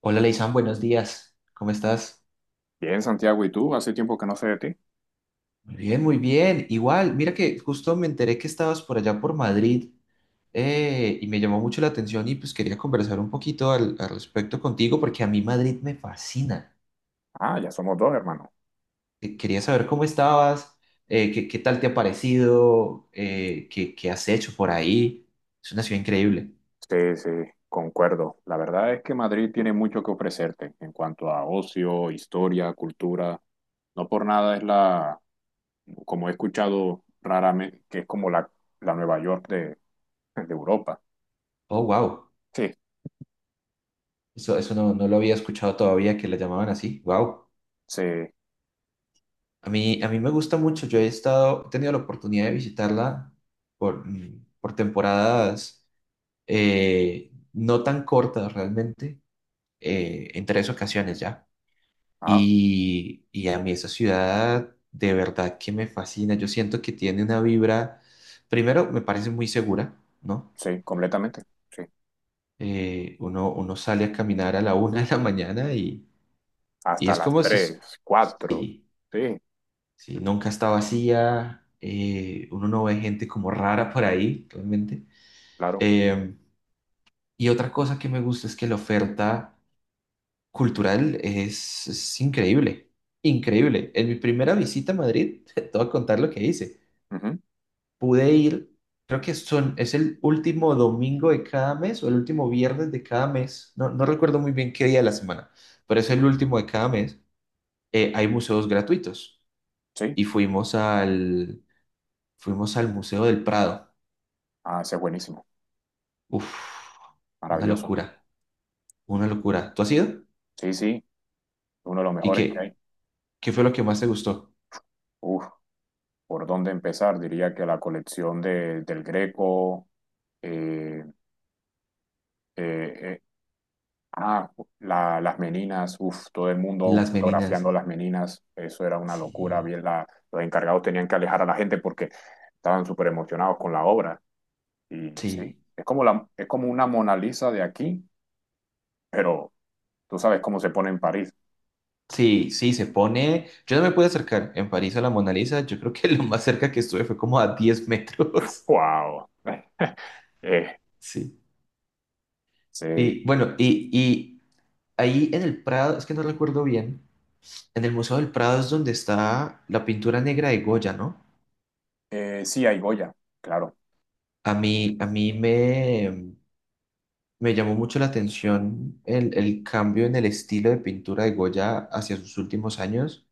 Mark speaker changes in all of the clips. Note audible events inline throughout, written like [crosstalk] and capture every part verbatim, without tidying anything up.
Speaker 1: Hola, Leisan, buenos días. ¿Cómo estás?
Speaker 2: Bien, Santiago, ¿y tú? Hace tiempo que no sé de ti.
Speaker 1: Muy bien, muy bien. Igual, mira que justo me enteré que estabas por allá por Madrid, eh, y me llamó mucho la atención y pues quería conversar un poquito al, al respecto contigo porque a mí Madrid me fascina.
Speaker 2: Ah, ya somos dos, hermano.
Speaker 1: Eh, Quería saber cómo estabas, eh, qué, qué tal te ha parecido, eh, qué, qué has hecho por ahí. Es una ciudad increíble.
Speaker 2: Sí, sí, concuerdo. La verdad es que Madrid tiene mucho que ofrecerte en cuanto a ocio, historia, cultura. No por nada es la, como he escuchado raramente, que es como la, la Nueva York de, de Europa.
Speaker 1: Oh, wow.
Speaker 2: Sí,
Speaker 1: Eso, eso no, no lo había escuchado todavía que la llamaban así. Wow.
Speaker 2: sí,
Speaker 1: A mí, a mí me gusta mucho. Yo he estado, he tenido la oportunidad de visitarla por, mm, por temporadas, eh, no tan cortas realmente, eh, en tres ocasiones ya.
Speaker 2: ah,
Speaker 1: Y, y a mí esa ciudad de verdad que me fascina. Yo siento que tiene una vibra, primero me parece muy segura, ¿no?
Speaker 2: sí, completamente. Sí,
Speaker 1: Eh, uno, uno sale a caminar a la una de la mañana y, y
Speaker 2: hasta
Speaker 1: es
Speaker 2: las
Speaker 1: como si, es-
Speaker 2: tres, cuatro.
Speaker 1: sí.
Speaker 2: Sí,
Speaker 1: Sí, nunca está vacía, eh, uno no ve gente como rara por ahí, realmente.
Speaker 2: claro.
Speaker 1: Eh, y otra cosa que me gusta es que la oferta cultural es, es increíble, increíble. En mi primera visita a Madrid, [laughs] te voy a contar lo que hice.
Speaker 2: Ujú.
Speaker 1: Pude ir, creo que son, es el último domingo de cada mes o el último viernes de cada mes, no, no recuerdo muy bien qué día de la semana, pero es el último de cada mes. Eh, hay museos gratuitos
Speaker 2: Sí,
Speaker 1: y fuimos al, fuimos al Museo del Prado.
Speaker 2: ah, ese es buenísimo,
Speaker 1: Uf, una
Speaker 2: maravilloso.
Speaker 1: locura, una locura. ¿Tú has ido?
Speaker 2: Sí, sí, uno de los
Speaker 1: ¿Y
Speaker 2: mejores que
Speaker 1: qué?
Speaker 2: hay.
Speaker 1: ¿Qué fue lo que más te gustó?
Speaker 2: Uf. ¿Por dónde empezar? Diría que la colección de, del Greco. eh, eh, eh, ah, la- las meninas, uf, todo el mundo
Speaker 1: Las meninas.
Speaker 2: fotografiando las meninas, eso era una locura.
Speaker 1: Sí,
Speaker 2: Bien, la- los encargados tenían que alejar a la gente porque estaban súper emocionados con la obra. Y sí,
Speaker 1: sí,
Speaker 2: es como, la, es como una Mona Lisa de aquí, pero tú sabes cómo se pone en París.
Speaker 1: sí, sí, se pone. Yo no me pude acercar en París a la Mona Lisa. Yo creo que [laughs] lo más cerca que estuve fue como a diez metros. [laughs]
Speaker 2: ¡Wow! [laughs] Eh,
Speaker 1: Sí.
Speaker 2: sí.
Speaker 1: Y bueno, y, y ahí en el Prado, es que no recuerdo bien, en el Museo del Prado es donde está la pintura negra de Goya, ¿no?
Speaker 2: Eh, sí, hay Goya, claro,
Speaker 1: A mí, a mí me, Me llamó mucho la atención el, el cambio en el estilo de pintura de Goya hacia sus últimos años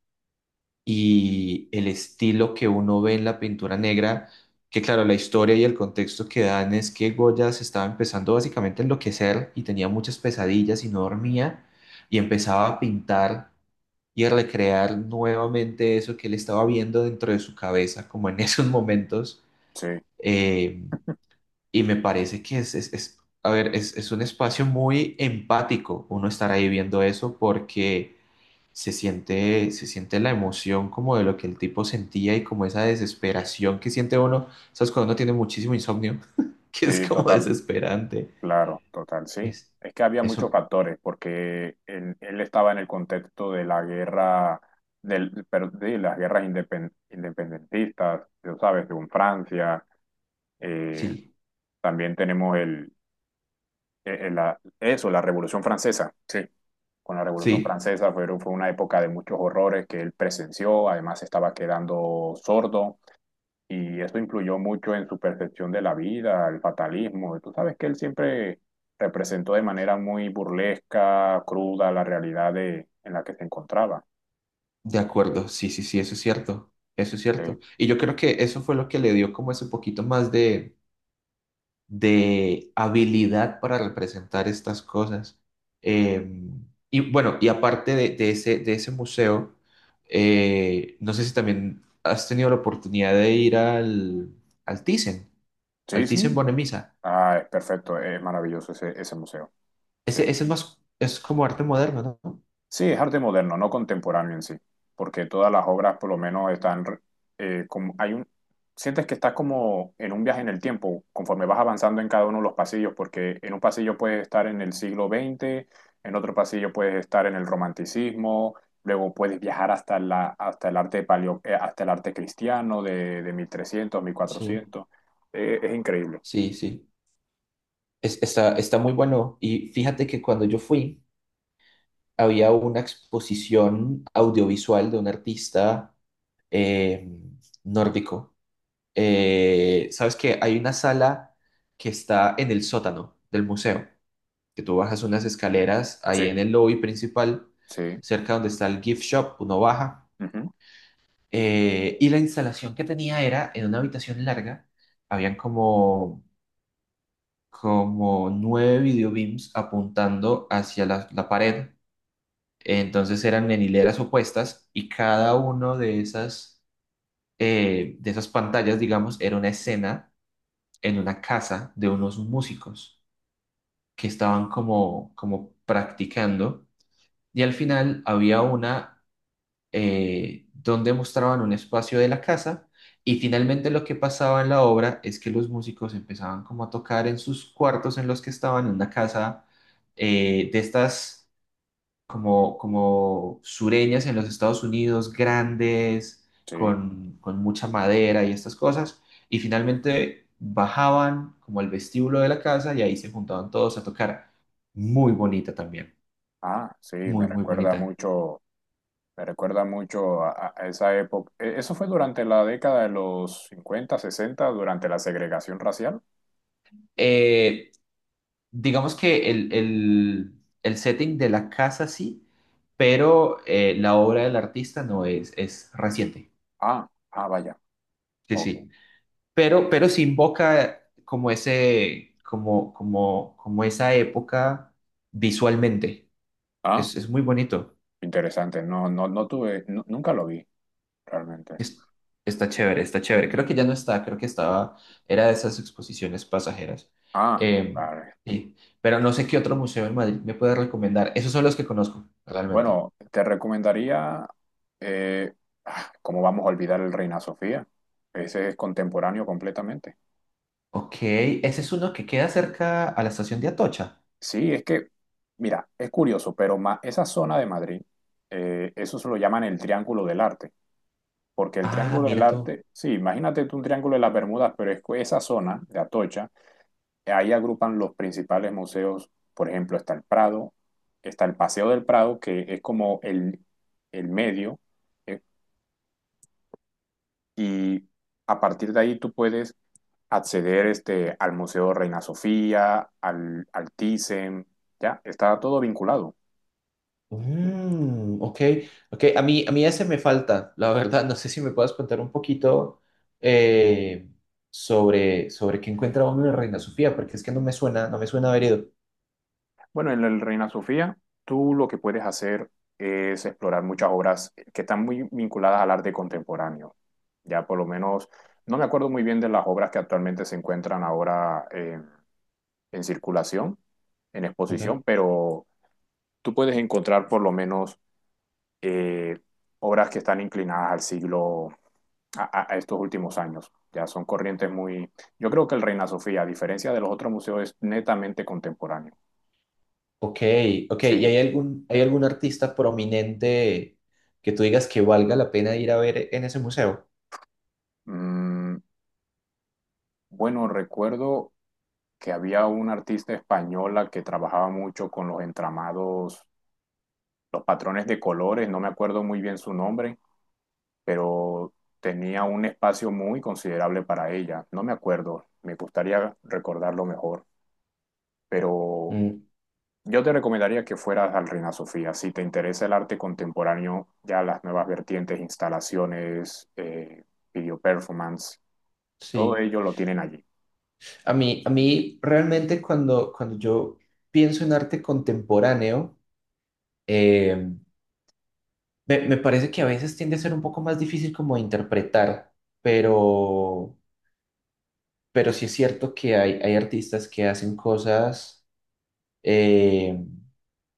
Speaker 1: y el estilo que uno ve en la pintura negra, que claro, la historia y el contexto que dan es que Goya se estaba empezando básicamente a enloquecer y tenía muchas pesadillas y no dormía y empezaba a pintar y a recrear nuevamente eso que él estaba viendo dentro de su cabeza, como en [laughs] esos momentos.
Speaker 2: sí,
Speaker 1: Eh, y me parece que es, es, es- a ver, es, es un espacio muy empático uno estar ahí viendo eso porque se siente, se siente la emoción como de lo que el tipo sentía y como esa desesperación que siente uno, ¿sabes? Cuando uno tiene muchísimo insomnio, [laughs] que es
Speaker 2: sí,
Speaker 1: como
Speaker 2: total.
Speaker 1: desesperante.
Speaker 2: Claro, total, sí.
Speaker 1: Es,
Speaker 2: Es que había muchos
Speaker 1: eso,
Speaker 2: factores, porque él, él estaba en el contexto de la guerra, del, pero de las guerras indepen- independentistas, tú sabes, según Francia. eh,
Speaker 1: sí,
Speaker 2: También tenemos el, el- el- la- eso, la Revolución Francesa. Sí, con la Revolución
Speaker 1: sí,
Speaker 2: Francesa fueron- fue una época de muchos horrores que él presenció, además estaba quedando sordo y eso influyó mucho en su percepción de la vida, el fatalismo. Tú sabes que él siempre representó de manera muy burlesca, cruda, la realidad de, en la que se encontraba.
Speaker 1: de acuerdo, sí, sí, sí, eso es cierto, eso es
Speaker 2: Sí,
Speaker 1: cierto. Y yo creo que eso fue lo que le dio como ese poquito más de de habilidad para representar estas cosas. Eh, y bueno, y aparte de, de ese, de ese museo, eh, no sé si también has tenido la oportunidad de ir al, al Thyssen,
Speaker 2: sí.
Speaker 1: al Thyssen
Speaker 2: Sí.
Speaker 1: Bornemisza.
Speaker 2: Ah, es perfecto, es maravilloso ese, ese museo. Sí.
Speaker 1: Ese, ese es más, es como arte moderno, ¿no?
Speaker 2: Sí, es arte moderno, no contemporáneo en sí, porque todas las obras por lo menos están, eh, como, hay un, sientes que estás como en un viaje en el tiempo, conforme vas avanzando en cada uno de los pasillos, porque en un pasillo puedes estar en el siglo veinte, en otro pasillo puedes estar en el romanticismo, luego puedes viajar hasta la, hasta el arte paleo- eh, hasta el arte cristiano de, de mil trescientos,
Speaker 1: Sí,
Speaker 2: mil cuatrocientos. Eh, es increíble.
Speaker 1: sí, sí. Es- está, está muy bueno. Y fíjate que cuando yo fui, había una exposición audiovisual de un artista, eh, nórdico. Eh, ¿sabes qué? Hay una sala que está en el sótano del museo, que tú bajas unas escaleras
Speaker 2: Sí,
Speaker 1: ahí en el lobby principal,
Speaker 2: sí,
Speaker 1: cerca donde está el gift shop, uno baja.
Speaker 2: ujú,
Speaker 1: Eh, y la instalación que tenía era en una habitación larga, habían como, como nueve videobeams apuntando hacia la, la pared. Entonces eran en hileras opuestas y cada uno de esas, eh, de esas pantallas, digamos, era una escena en una casa de unos músicos que estaban como, como practicando y al final había una, eh, donde mostraban un espacio de la casa, y finalmente lo que pasaba en la obra es que los músicos empezaban como a tocar en sus cuartos en los que estaban en una casa, eh, de estas como, como sureñas en los Estados Unidos, grandes,
Speaker 2: sí.
Speaker 1: con, con mucha madera y estas cosas. Y finalmente bajaban como al vestíbulo de la casa y ahí se juntaban todos a tocar. Muy bonita también,
Speaker 2: Ah, sí, me
Speaker 1: muy, muy
Speaker 2: recuerda
Speaker 1: bonita.
Speaker 2: mucho. Me recuerda mucho a, a esa época. Eh, Eso fue durante la década de los cincuenta sesenta durante la segregación racial.
Speaker 1: Eh, digamos que el, el- el setting de la casa sí, pero, eh, la obra del artista no es, es reciente.
Speaker 2: Ah, ah, vaya.
Speaker 1: Sí,
Speaker 2: Ok.
Speaker 1: sí. pero, pero sí invoca como ese, como, como, como esa época visualmente.
Speaker 2: Ah,
Speaker 1: Es, es muy bonito.
Speaker 2: interesante. No, no, no tuve, nu- nunca lo vi realmente.
Speaker 1: Es- está chévere, está chévere. Creo que ya no está, creo que estaba, era de esas exposiciones pasajeras.
Speaker 2: Ah,
Speaker 1: Eh,
Speaker 2: vale.
Speaker 1: sí. Pero no sé qué otro museo en Madrid me puede recomendar. Esos son los que conozco, realmente.
Speaker 2: Bueno, te recomendaría, eh, ah, ¿cómo vamos a olvidar el Reina Sofía? Ese es contemporáneo completamente.
Speaker 1: Ok, ese es uno que queda cerca a la estación de Atocha.
Speaker 2: Sí, es que, mira, es curioso, pero ma- esa zona de Madrid, eh, eso se lo llaman el Triángulo del Arte. Porque el
Speaker 1: Ah,
Speaker 2: Triángulo del
Speaker 1: mira tú.
Speaker 2: Arte, sí, imagínate tú un Triángulo de las Bermudas, pero es que esa zona de Atocha, ahí agrupan los principales museos, por ejemplo, está el Prado, está el Paseo del Prado, que es como el, el medio, eh, y a partir de ahí tú puedes acceder este, al Museo Reina Sofía, al, al Thyssen, ya, está todo vinculado.
Speaker 1: Mm, ok, ok. A mí, a mí ese me falta, la verdad. No sé si me puedes contar un poquito, eh, sobre, sobre qué encuentra uno en Reina Sofía, porque es que no me suena, no me suena haber ido.
Speaker 2: Bueno, en el Reina Sofía, tú lo que puedes hacer es explorar muchas obras que están muy vinculadas al arte contemporáneo. Ya por lo menos, no me acuerdo muy bien de las obras que actualmente se encuentran ahora, eh, en circulación, en
Speaker 1: Ok.
Speaker 2: exposición, pero tú puedes encontrar por lo menos eh, obras que están inclinadas al siglo, a, a- a estos últimos años. Ya son corrientes muy... Yo creo que el Reina Sofía, a diferencia de los otros museos, es netamente contemporáneo.
Speaker 1: Ok, ok. ¿Y
Speaker 2: Sí.
Speaker 1: hay algún, hay algún artista prominente que tú digas que valga la pena ir a ver en ese museo?
Speaker 2: Mm, bueno, recuerdo que había una artista española que trabajaba mucho con los entramados, los patrones de colores, no me acuerdo muy bien su nombre, pero tenía un espacio muy considerable para ella. No me acuerdo, me gustaría recordarlo mejor, pero
Speaker 1: Mm,
Speaker 2: yo te recomendaría que fueras al Reina Sofía. Si te interesa el arte contemporáneo, ya las nuevas vertientes, instalaciones, eh, video performance, todo
Speaker 1: sí.
Speaker 2: ello lo tienen allí.
Speaker 1: A mí, a mí realmente cuando, cuando yo pienso en arte contemporáneo, em, Me, me parece que a veces tiende a ser un poco más difícil como de interpretar, pero, pero sí es cierto que hay, hay artistas que hacen cosas, eh,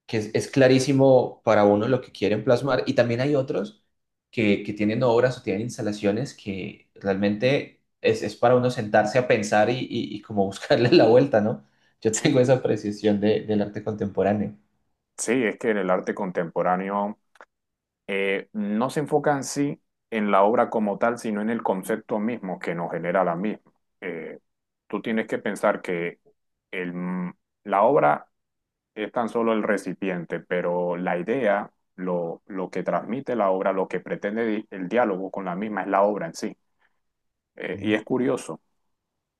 Speaker 1: que es, es clarísimo para uno lo que quieren plasmar, y también hay otros que, que tienen obras o tienen instalaciones que realmente es, es para uno sentarse a pensar y, y- y como buscarle [laughs] la vuelta, ¿no? Yo
Speaker 2: Sí,
Speaker 1: tengo esa apreciación de- del arte contemporáneo.
Speaker 2: sí, es que el arte contemporáneo eh, no se enfoca en sí en la obra como tal, sino en el concepto mismo que nos genera la misma. Eh, Tú tienes que pensar que el- mm, la obra es tan solo el recipiente, pero la idea, lo, lo que transmite la obra, lo que pretende di- el diálogo con la misma es la obra en sí. Eh,
Speaker 1: Ujú.
Speaker 2: y es curioso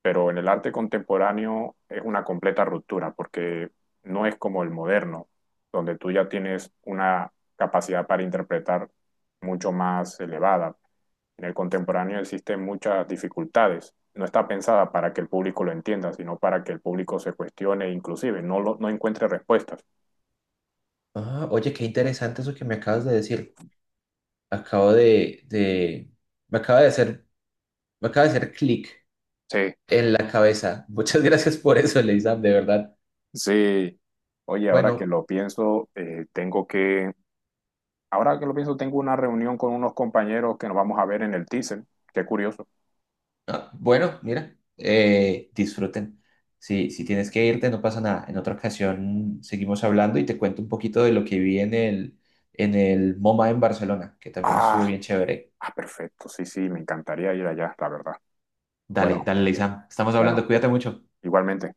Speaker 2: pero en el arte contemporáneo es una completa ruptura porque no es como el moderno, donde tú ya tienes una capacidad para interpretar mucho más elevada. En el contemporáneo existen muchas dificultades. No está pensada para que el público lo entienda, sino para que el público se cuestione, inclusive no, lo- no encuentre respuestas.
Speaker 1: Ah, oye, qué interesante eso que me acabas de decir. acabo de, de, me acaba de hacer, me acaba de hacer clic
Speaker 2: Sí,
Speaker 1: en la cabeza. [laughs] Muchas gracias por eso, Leisam, de verdad.
Speaker 2: sí. Oye, ahora que
Speaker 1: Bueno,
Speaker 2: lo pienso, eh, tengo que, ahora que lo pienso, tengo una reunión con unos compañeros que nos vamos a ver en el Thyssen. Qué curioso.
Speaker 1: ah, bueno, mira, eh, disfruten. Si, si tienes que irte, no pasa nada. En otra ocasión seguimos hablando y te cuento un poquito de lo que vi en el, en el MoMA en Barcelona, que también estuvo
Speaker 2: Ah,
Speaker 1: bien chévere.
Speaker 2: Ah, perfecto, sí, sí, me encantaría ir allá, la verdad.
Speaker 1: Dale,
Speaker 2: Bueno,
Speaker 1: dale, Leisam. Estamos hablando,
Speaker 2: bueno,
Speaker 1: cuídate mucho.
Speaker 2: igualmente.